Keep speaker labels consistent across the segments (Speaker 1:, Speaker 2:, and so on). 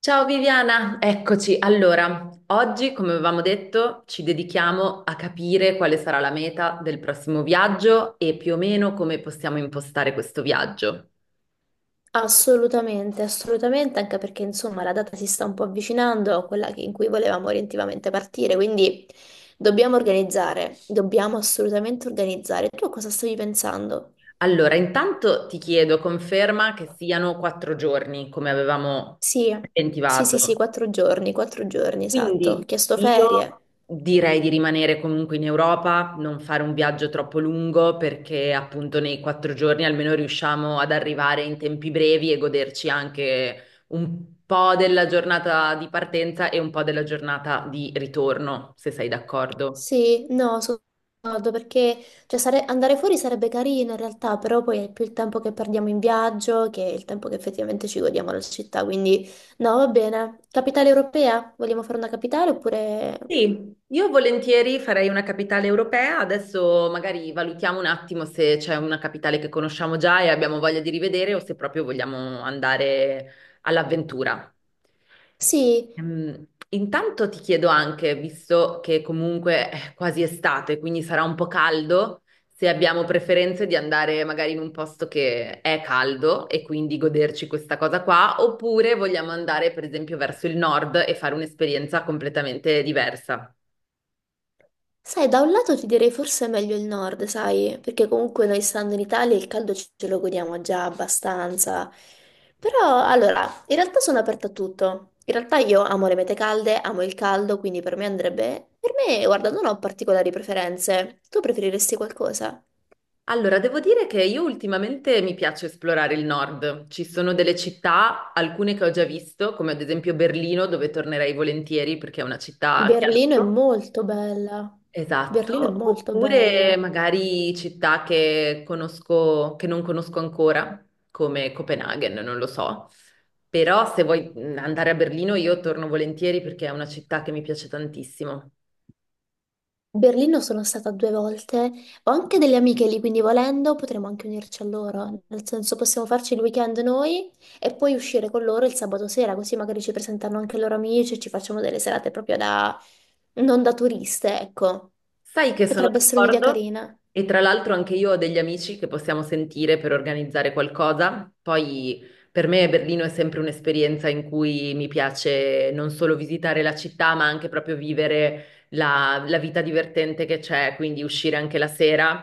Speaker 1: Ciao Viviana, eccoci. Allora, oggi, come avevamo detto, ci dedichiamo a capire quale sarà la meta del prossimo viaggio e più o meno come possiamo impostare questo viaggio.
Speaker 2: Assolutamente, assolutamente, anche perché insomma la data si sta un po' avvicinando a quella che- in cui volevamo orientativamente partire, quindi dobbiamo organizzare, dobbiamo assolutamente organizzare. Tu a cosa stavi pensando?
Speaker 1: Allora, intanto ti chiedo conferma che siano quattro giorni, come avevamo
Speaker 2: Sì, sì, sì, sì,
Speaker 1: preventivato.
Speaker 2: 4 giorni, 4 giorni, esatto. Ho
Speaker 1: Quindi
Speaker 2: chiesto
Speaker 1: io
Speaker 2: ferie.
Speaker 1: direi di rimanere comunque in Europa, non fare un viaggio troppo lungo perché appunto nei quattro giorni almeno riusciamo ad arrivare in tempi brevi e goderci anche un po' della giornata di partenza e un po' della giornata di ritorno, se sei d'accordo.
Speaker 2: Sì, no, sono d'accordo perché cioè, andare fuori sarebbe carino in realtà, però poi è più il tempo che perdiamo in viaggio che il tempo che effettivamente ci godiamo la città, quindi no, va bene. Capitale europea? Vogliamo fare una capitale oppure...
Speaker 1: Sì, io volentieri farei una capitale europea, adesso magari valutiamo un attimo se c'è una capitale che conosciamo già e abbiamo voglia di rivedere o se proprio vogliamo andare all'avventura.
Speaker 2: Sì.
Speaker 1: Intanto ti chiedo anche, visto che comunque è quasi estate, quindi sarà un po' caldo, se abbiamo preferenze di andare magari in un posto che è caldo e quindi goderci questa cosa qua, oppure vogliamo andare per esempio verso il nord e fare un'esperienza completamente diversa.
Speaker 2: Sai, da un lato ti direi forse è meglio il nord, sai, perché comunque noi stando in Italia il caldo ce lo godiamo già abbastanza. Però, allora, in realtà sono aperta a tutto. In realtà io amo le mete calde, amo il caldo, quindi per me andrebbe... Per me, guarda, non ho particolari preferenze. Tu preferiresti qualcosa?
Speaker 1: Allora, devo dire che io ultimamente mi piace esplorare il nord. Ci sono delle città, alcune che ho già visto, come ad esempio Berlino, dove tornerei volentieri perché è una città che
Speaker 2: Berlino è
Speaker 1: adoro.
Speaker 2: molto bella. Berlino è
Speaker 1: Esatto,
Speaker 2: molto
Speaker 1: oppure
Speaker 2: bella.
Speaker 1: magari città che conosco, che non conosco ancora, come Copenaghen, non lo so. Però se vuoi andare a Berlino io torno volentieri perché è una città che mi piace tantissimo.
Speaker 2: Berlino sono stata due volte, ho anche delle amiche lì, quindi volendo potremmo anche unirci a loro, nel senso possiamo farci il weekend noi e poi uscire con loro il sabato sera, così magari ci presentano anche i loro amici e ci facciamo delle serate proprio da... non da turiste, ecco.
Speaker 1: Sai che sono
Speaker 2: Potrebbe essere un'idea
Speaker 1: d'accordo
Speaker 2: carina.
Speaker 1: e tra l'altro anche io ho degli amici che possiamo sentire per organizzare qualcosa. Poi per me Berlino è sempre un'esperienza in cui mi piace non solo visitare la città, ma anche proprio vivere la vita divertente che c'è, quindi uscire anche la sera.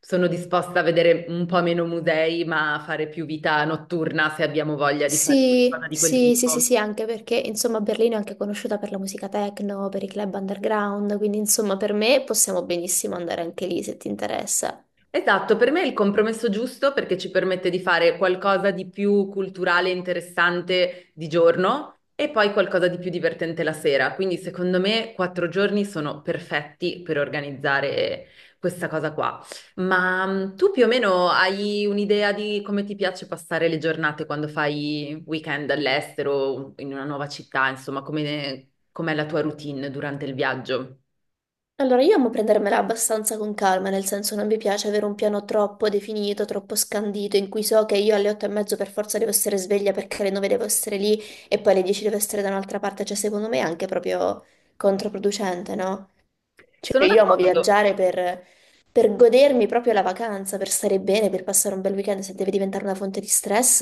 Speaker 1: Sono disposta a vedere un po' meno musei, ma a fare più vita notturna se abbiamo voglia di fare qualcosa
Speaker 2: Sì,
Speaker 1: di quel
Speaker 2: sì, sì, sì,
Speaker 1: tipo.
Speaker 2: sì, anche perché insomma Berlino è anche conosciuta per la musica techno, per i club underground, quindi insomma per me possiamo benissimo andare anche lì se ti interessa.
Speaker 1: Esatto, per me è il compromesso giusto perché ci permette di fare qualcosa di più culturale e interessante di giorno e poi qualcosa di più divertente la sera. Quindi secondo me quattro giorni sono perfetti per organizzare questa cosa qua. Ma tu più o meno hai un'idea di come ti piace passare le giornate quando fai weekend all'estero, in una nuova città, insomma, com'è la tua routine durante il viaggio?
Speaker 2: Allora, io amo prendermela abbastanza con calma, nel senso non mi piace avere un piano troppo definito, troppo scandito, in cui so che io alle 8:30 per forza devo essere sveglia perché alle 9 devo essere lì e poi alle 10 devo essere da un'altra parte, cioè secondo me è anche proprio controproducente, no?
Speaker 1: Sono
Speaker 2: Cioè io amo
Speaker 1: d'accordo.
Speaker 2: viaggiare per godermi proprio la vacanza, per stare bene, per passare un bel weekend, se deve diventare una fonte di stress,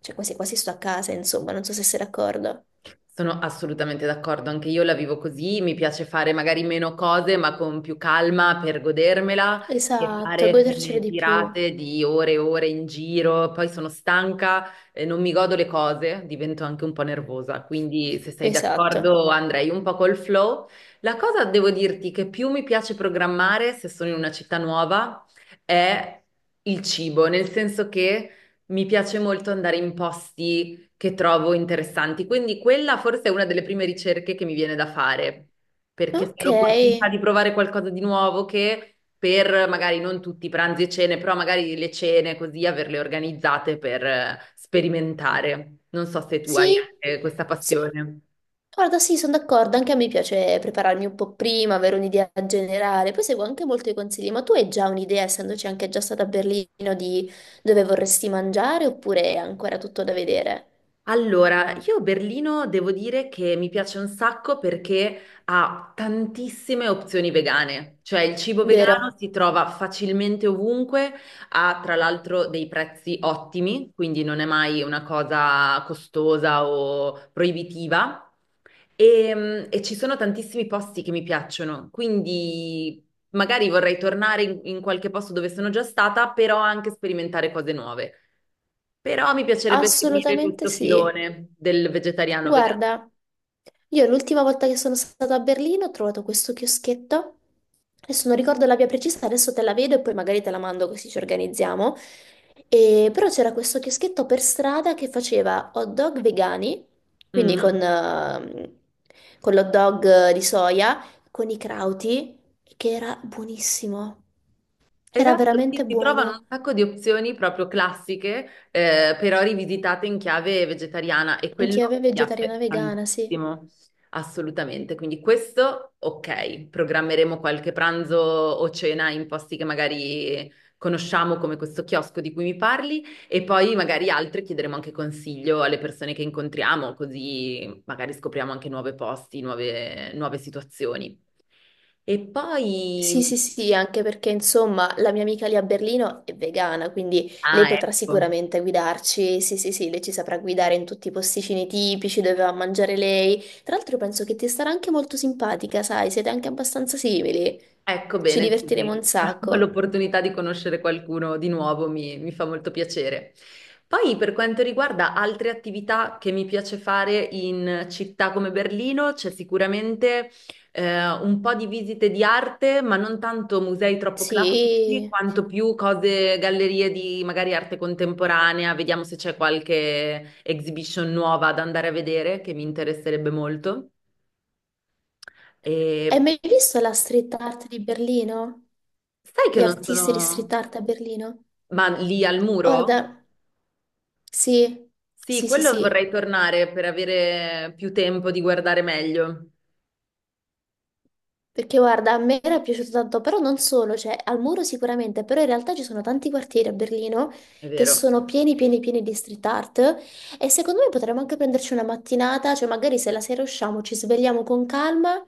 Speaker 2: cioè quasi quasi sto a casa, insomma, non so se sei d'accordo.
Speaker 1: Sono assolutamente d'accordo, anche io la vivo così, mi piace fare magari meno cose, ma con più calma per godermela che
Speaker 2: Esatto,
Speaker 1: fare
Speaker 2: godercelo
Speaker 1: quelle
Speaker 2: di più.
Speaker 1: tirate di ore e ore in giro, poi sono stanca, non mi godo le cose, divento anche un po' nervosa, quindi se sei
Speaker 2: Esatto.
Speaker 1: d'accordo andrei un po' col flow. La cosa devo dirti che più mi piace programmare se sono in una città nuova è il cibo, nel senso che mi piace molto andare in posti che trovo interessanti. Quindi quella forse è una delle prime ricerche che mi viene da fare, perché se ho
Speaker 2: Ok,
Speaker 1: l'opportunità di provare qualcosa di nuovo che per magari non tutti i pranzi e cene, però magari le cene così averle organizzate per sperimentare. Non so se tu hai
Speaker 2: sì,
Speaker 1: anche questa
Speaker 2: sì,
Speaker 1: passione.
Speaker 2: guarda, sì, sono d'accordo, anche a me piace prepararmi un po' prima, avere un'idea generale, poi seguo anche molti consigli, ma tu hai già un'idea, essendoci anche già stata a Berlino, di dove vorresti mangiare oppure è ancora tutto da vedere?
Speaker 1: Allora, io Berlino devo dire che mi piace un sacco perché ha tantissime opzioni vegane, cioè il cibo
Speaker 2: Vero?
Speaker 1: vegano si trova facilmente ovunque, ha tra l'altro dei prezzi ottimi, quindi non è mai una cosa costosa o proibitiva. E, e ci sono tantissimi posti che mi piacciono, quindi magari vorrei tornare in qualche posto dove sono già stata, però anche sperimentare cose nuove. Però mi piacerebbe seguire
Speaker 2: Assolutamente
Speaker 1: questo
Speaker 2: sì.
Speaker 1: filone del vegetariano vegano.
Speaker 2: Guarda, io l'ultima volta che sono stata a Berlino ho trovato questo chioschetto. Adesso non ricordo la via precisa, adesso te la vedo e poi magari te la mando così ci organizziamo. Però c'era questo chioschetto per strada che faceva hot dog vegani, quindi
Speaker 1: Mm.
Speaker 2: con l'hot dog di soia, con i crauti, che era buonissimo. Era
Speaker 1: Esatto, sì,
Speaker 2: veramente
Speaker 1: si trovano un
Speaker 2: buono.
Speaker 1: sacco di opzioni proprio classiche, però rivisitate in chiave vegetariana e quello
Speaker 2: Chiave
Speaker 1: mi
Speaker 2: vegetariana
Speaker 1: aspetta
Speaker 2: vegana, sì.
Speaker 1: tantissimo, assolutamente. Quindi questo, ok, programmeremo qualche pranzo o cena in posti che magari conosciamo come questo chiosco di cui mi parli e poi magari altri chiederemo anche consiglio alle persone che incontriamo, così magari scopriamo anche nuovi posti, nuove situazioni. E poi...
Speaker 2: Sì, sì, sì, anche perché insomma la mia amica lì a Berlino è vegana, quindi lei
Speaker 1: Ah,
Speaker 2: potrà
Speaker 1: ecco.
Speaker 2: sicuramente guidarci. Sì, sì, sì, lei ci saprà guidare in tutti i posticini tipici dove va a mangiare lei. Tra l'altro penso che ti starà anche molto simpatica, sai, siete anche abbastanza simili.
Speaker 1: Ecco
Speaker 2: Ci
Speaker 1: bene,
Speaker 2: divertiremo
Speaker 1: così
Speaker 2: un
Speaker 1: ho
Speaker 2: sacco.
Speaker 1: l'opportunità di conoscere qualcuno di nuovo, mi fa molto piacere. Poi per quanto riguarda altre attività che mi piace fare in città come Berlino, c'è sicuramente un po' di visite di arte, ma non tanto musei troppo classici,
Speaker 2: Sì.
Speaker 1: quanto più cose, gallerie di magari arte contemporanea, vediamo se c'è qualche exhibition nuova da andare a vedere che mi interesserebbe molto.
Speaker 2: Hai
Speaker 1: E
Speaker 2: mai visto la street art di Berlino?
Speaker 1: sai che
Speaker 2: Gli
Speaker 1: non
Speaker 2: artisti di street
Speaker 1: sono...
Speaker 2: art a Berlino?
Speaker 1: Ma lì al muro?
Speaker 2: Guarda, sì,
Speaker 1: Sì,
Speaker 2: sì, sì,
Speaker 1: quello
Speaker 2: sì.
Speaker 1: vorrei tornare per avere più tempo di guardare meglio,
Speaker 2: Perché guarda, a me era piaciuto tanto, però non solo, cioè al muro sicuramente, però in realtà ci sono tanti quartieri a Berlino
Speaker 1: è
Speaker 2: che
Speaker 1: vero.
Speaker 2: sono pieni, pieni, pieni di street art e secondo me potremmo anche prenderci una mattinata, cioè magari se la sera usciamo, ci svegliamo con calma,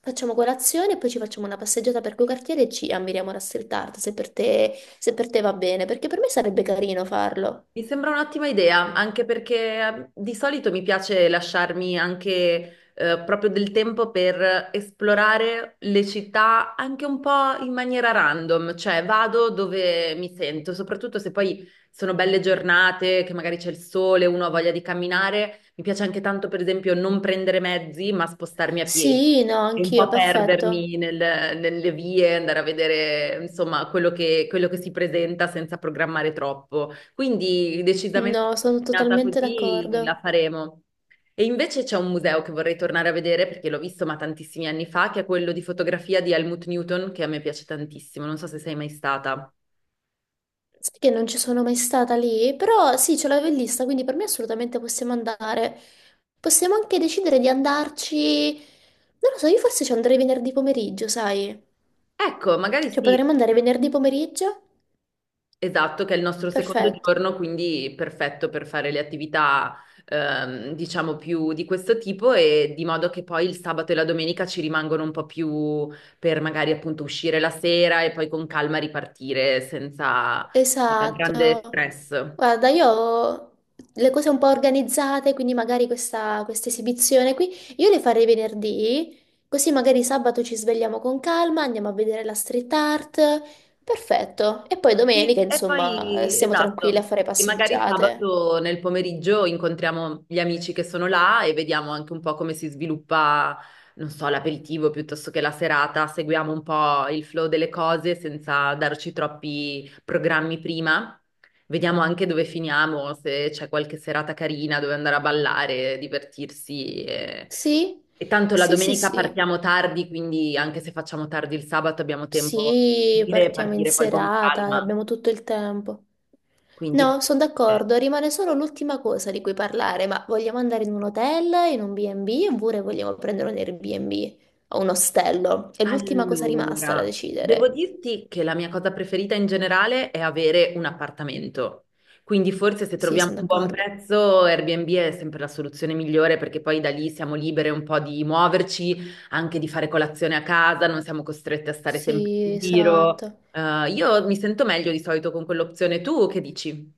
Speaker 2: facciamo colazione e poi ci facciamo una passeggiata per quei quartieri e ci ammiriamo la street art, se per te, se per te va bene, perché per me sarebbe carino farlo.
Speaker 1: Mi sembra un'ottima idea, anche perché di solito mi piace lasciarmi anche proprio del tempo per esplorare le città anche un po' in maniera random, cioè vado dove mi sento, soprattutto se poi sono belle giornate, che magari c'è il sole, uno ha voglia di camminare. Mi piace anche tanto, per esempio, non prendere mezzi, ma spostarmi a piedi
Speaker 2: Sì, no,
Speaker 1: e un
Speaker 2: anch'io,
Speaker 1: po'
Speaker 2: perfetto.
Speaker 1: perdermi nelle vie, andare a vedere, insomma, quello che si presenta senza programmare troppo. Quindi decisamente
Speaker 2: No, sono
Speaker 1: nata
Speaker 2: totalmente
Speaker 1: così
Speaker 2: d'accordo.
Speaker 1: la faremo. E invece c'è un museo che vorrei tornare a vedere perché l'ho visto ma tantissimi anni fa, che è quello di fotografia di Helmut Newton, che a me piace tantissimo. Non so se sei mai stata.
Speaker 2: Sai che non ci sono mai stata lì, però sì, ce l'avevo in lista, quindi per me assolutamente possiamo andare. Possiamo anche decidere di andarci. Non lo so, io forse ci andrei venerdì pomeriggio, sai?
Speaker 1: Ecco, magari
Speaker 2: Cioè,
Speaker 1: sì.
Speaker 2: potremmo andare venerdì pomeriggio?
Speaker 1: Esatto, che è il nostro secondo
Speaker 2: Perfetto.
Speaker 1: giorno, quindi perfetto per fare le attività, diciamo, più di questo tipo e di modo che poi il sabato e la domenica ci rimangono un po' più per magari appunto uscire la sera e poi con calma ripartire senza, grande
Speaker 2: Esatto.
Speaker 1: stress.
Speaker 2: Guarda, io ho le cose un po' organizzate, quindi magari questa esibizione qui, io le farei venerdì, così magari sabato ci svegliamo con calma, andiamo a vedere la street art. Perfetto. E poi
Speaker 1: Sì,
Speaker 2: domenica,
Speaker 1: e
Speaker 2: insomma,
Speaker 1: poi,
Speaker 2: stiamo tranquilli a
Speaker 1: esatto,
Speaker 2: fare
Speaker 1: e magari
Speaker 2: passeggiate.
Speaker 1: sabato nel pomeriggio incontriamo gli amici che sono là e vediamo anche un po' come si sviluppa, non so, l'aperitivo piuttosto che la serata, seguiamo un po' il flow delle cose senza darci troppi programmi prima, vediamo anche dove finiamo, se c'è qualche serata carina dove andare a ballare, divertirsi.
Speaker 2: Sì?
Speaker 1: E tanto la
Speaker 2: Sì, sì,
Speaker 1: domenica
Speaker 2: sì.
Speaker 1: partiamo tardi, quindi anche se facciamo tardi il sabato abbiamo tempo
Speaker 2: Sì,
Speaker 1: di partire
Speaker 2: partiamo in
Speaker 1: partire poi con
Speaker 2: serata,
Speaker 1: calma.
Speaker 2: abbiamo tutto il tempo.
Speaker 1: Quindi,
Speaker 2: No, sono d'accordo, rimane solo l'ultima cosa di cui parlare, ma vogliamo andare in un hotel, in un B&B oppure vogliamo prendere un Airbnb o un ostello? È l'ultima cosa rimasta da
Speaker 1: allora, devo
Speaker 2: decidere.
Speaker 1: dirti che la mia cosa preferita in generale è avere un appartamento. Quindi forse se
Speaker 2: Sì,
Speaker 1: troviamo
Speaker 2: sono
Speaker 1: un buon
Speaker 2: d'accordo.
Speaker 1: prezzo, Airbnb è sempre la soluzione migliore perché poi da lì siamo libere un po' di muoverci, anche di fare colazione a casa, non siamo costrette a stare sempre
Speaker 2: Sì,
Speaker 1: in giro.
Speaker 2: esatto.
Speaker 1: Io mi sento meglio di solito con quell'opzione. Tu che dici?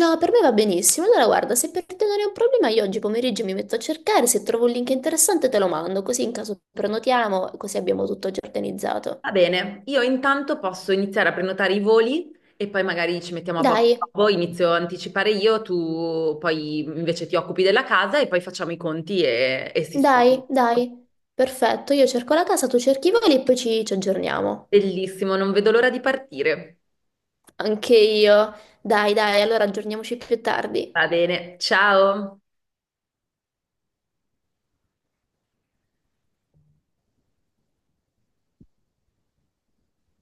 Speaker 2: No, per me va benissimo. Allora, guarda, se per te non è un problema, io oggi pomeriggio mi metto a cercare, se trovo un link interessante te lo mando, così in caso prenotiamo, così abbiamo tutto già organizzato.
Speaker 1: Va bene, io intanto posso iniziare a prenotare i voli e poi magari ci mettiamo a posto.
Speaker 2: Dai,
Speaker 1: Poi inizio a anticipare io, tu poi invece ti occupi della casa e poi facciamo i conti e sistemiamo
Speaker 2: dai,
Speaker 1: tutto.
Speaker 2: dai. Perfetto, io cerco la casa, tu cerchi i voli e poi ci aggiorniamo.
Speaker 1: Bellissimo, non vedo l'ora di partire.
Speaker 2: Anche io. Dai, dai, allora aggiorniamoci più tardi.
Speaker 1: Va bene, ciao.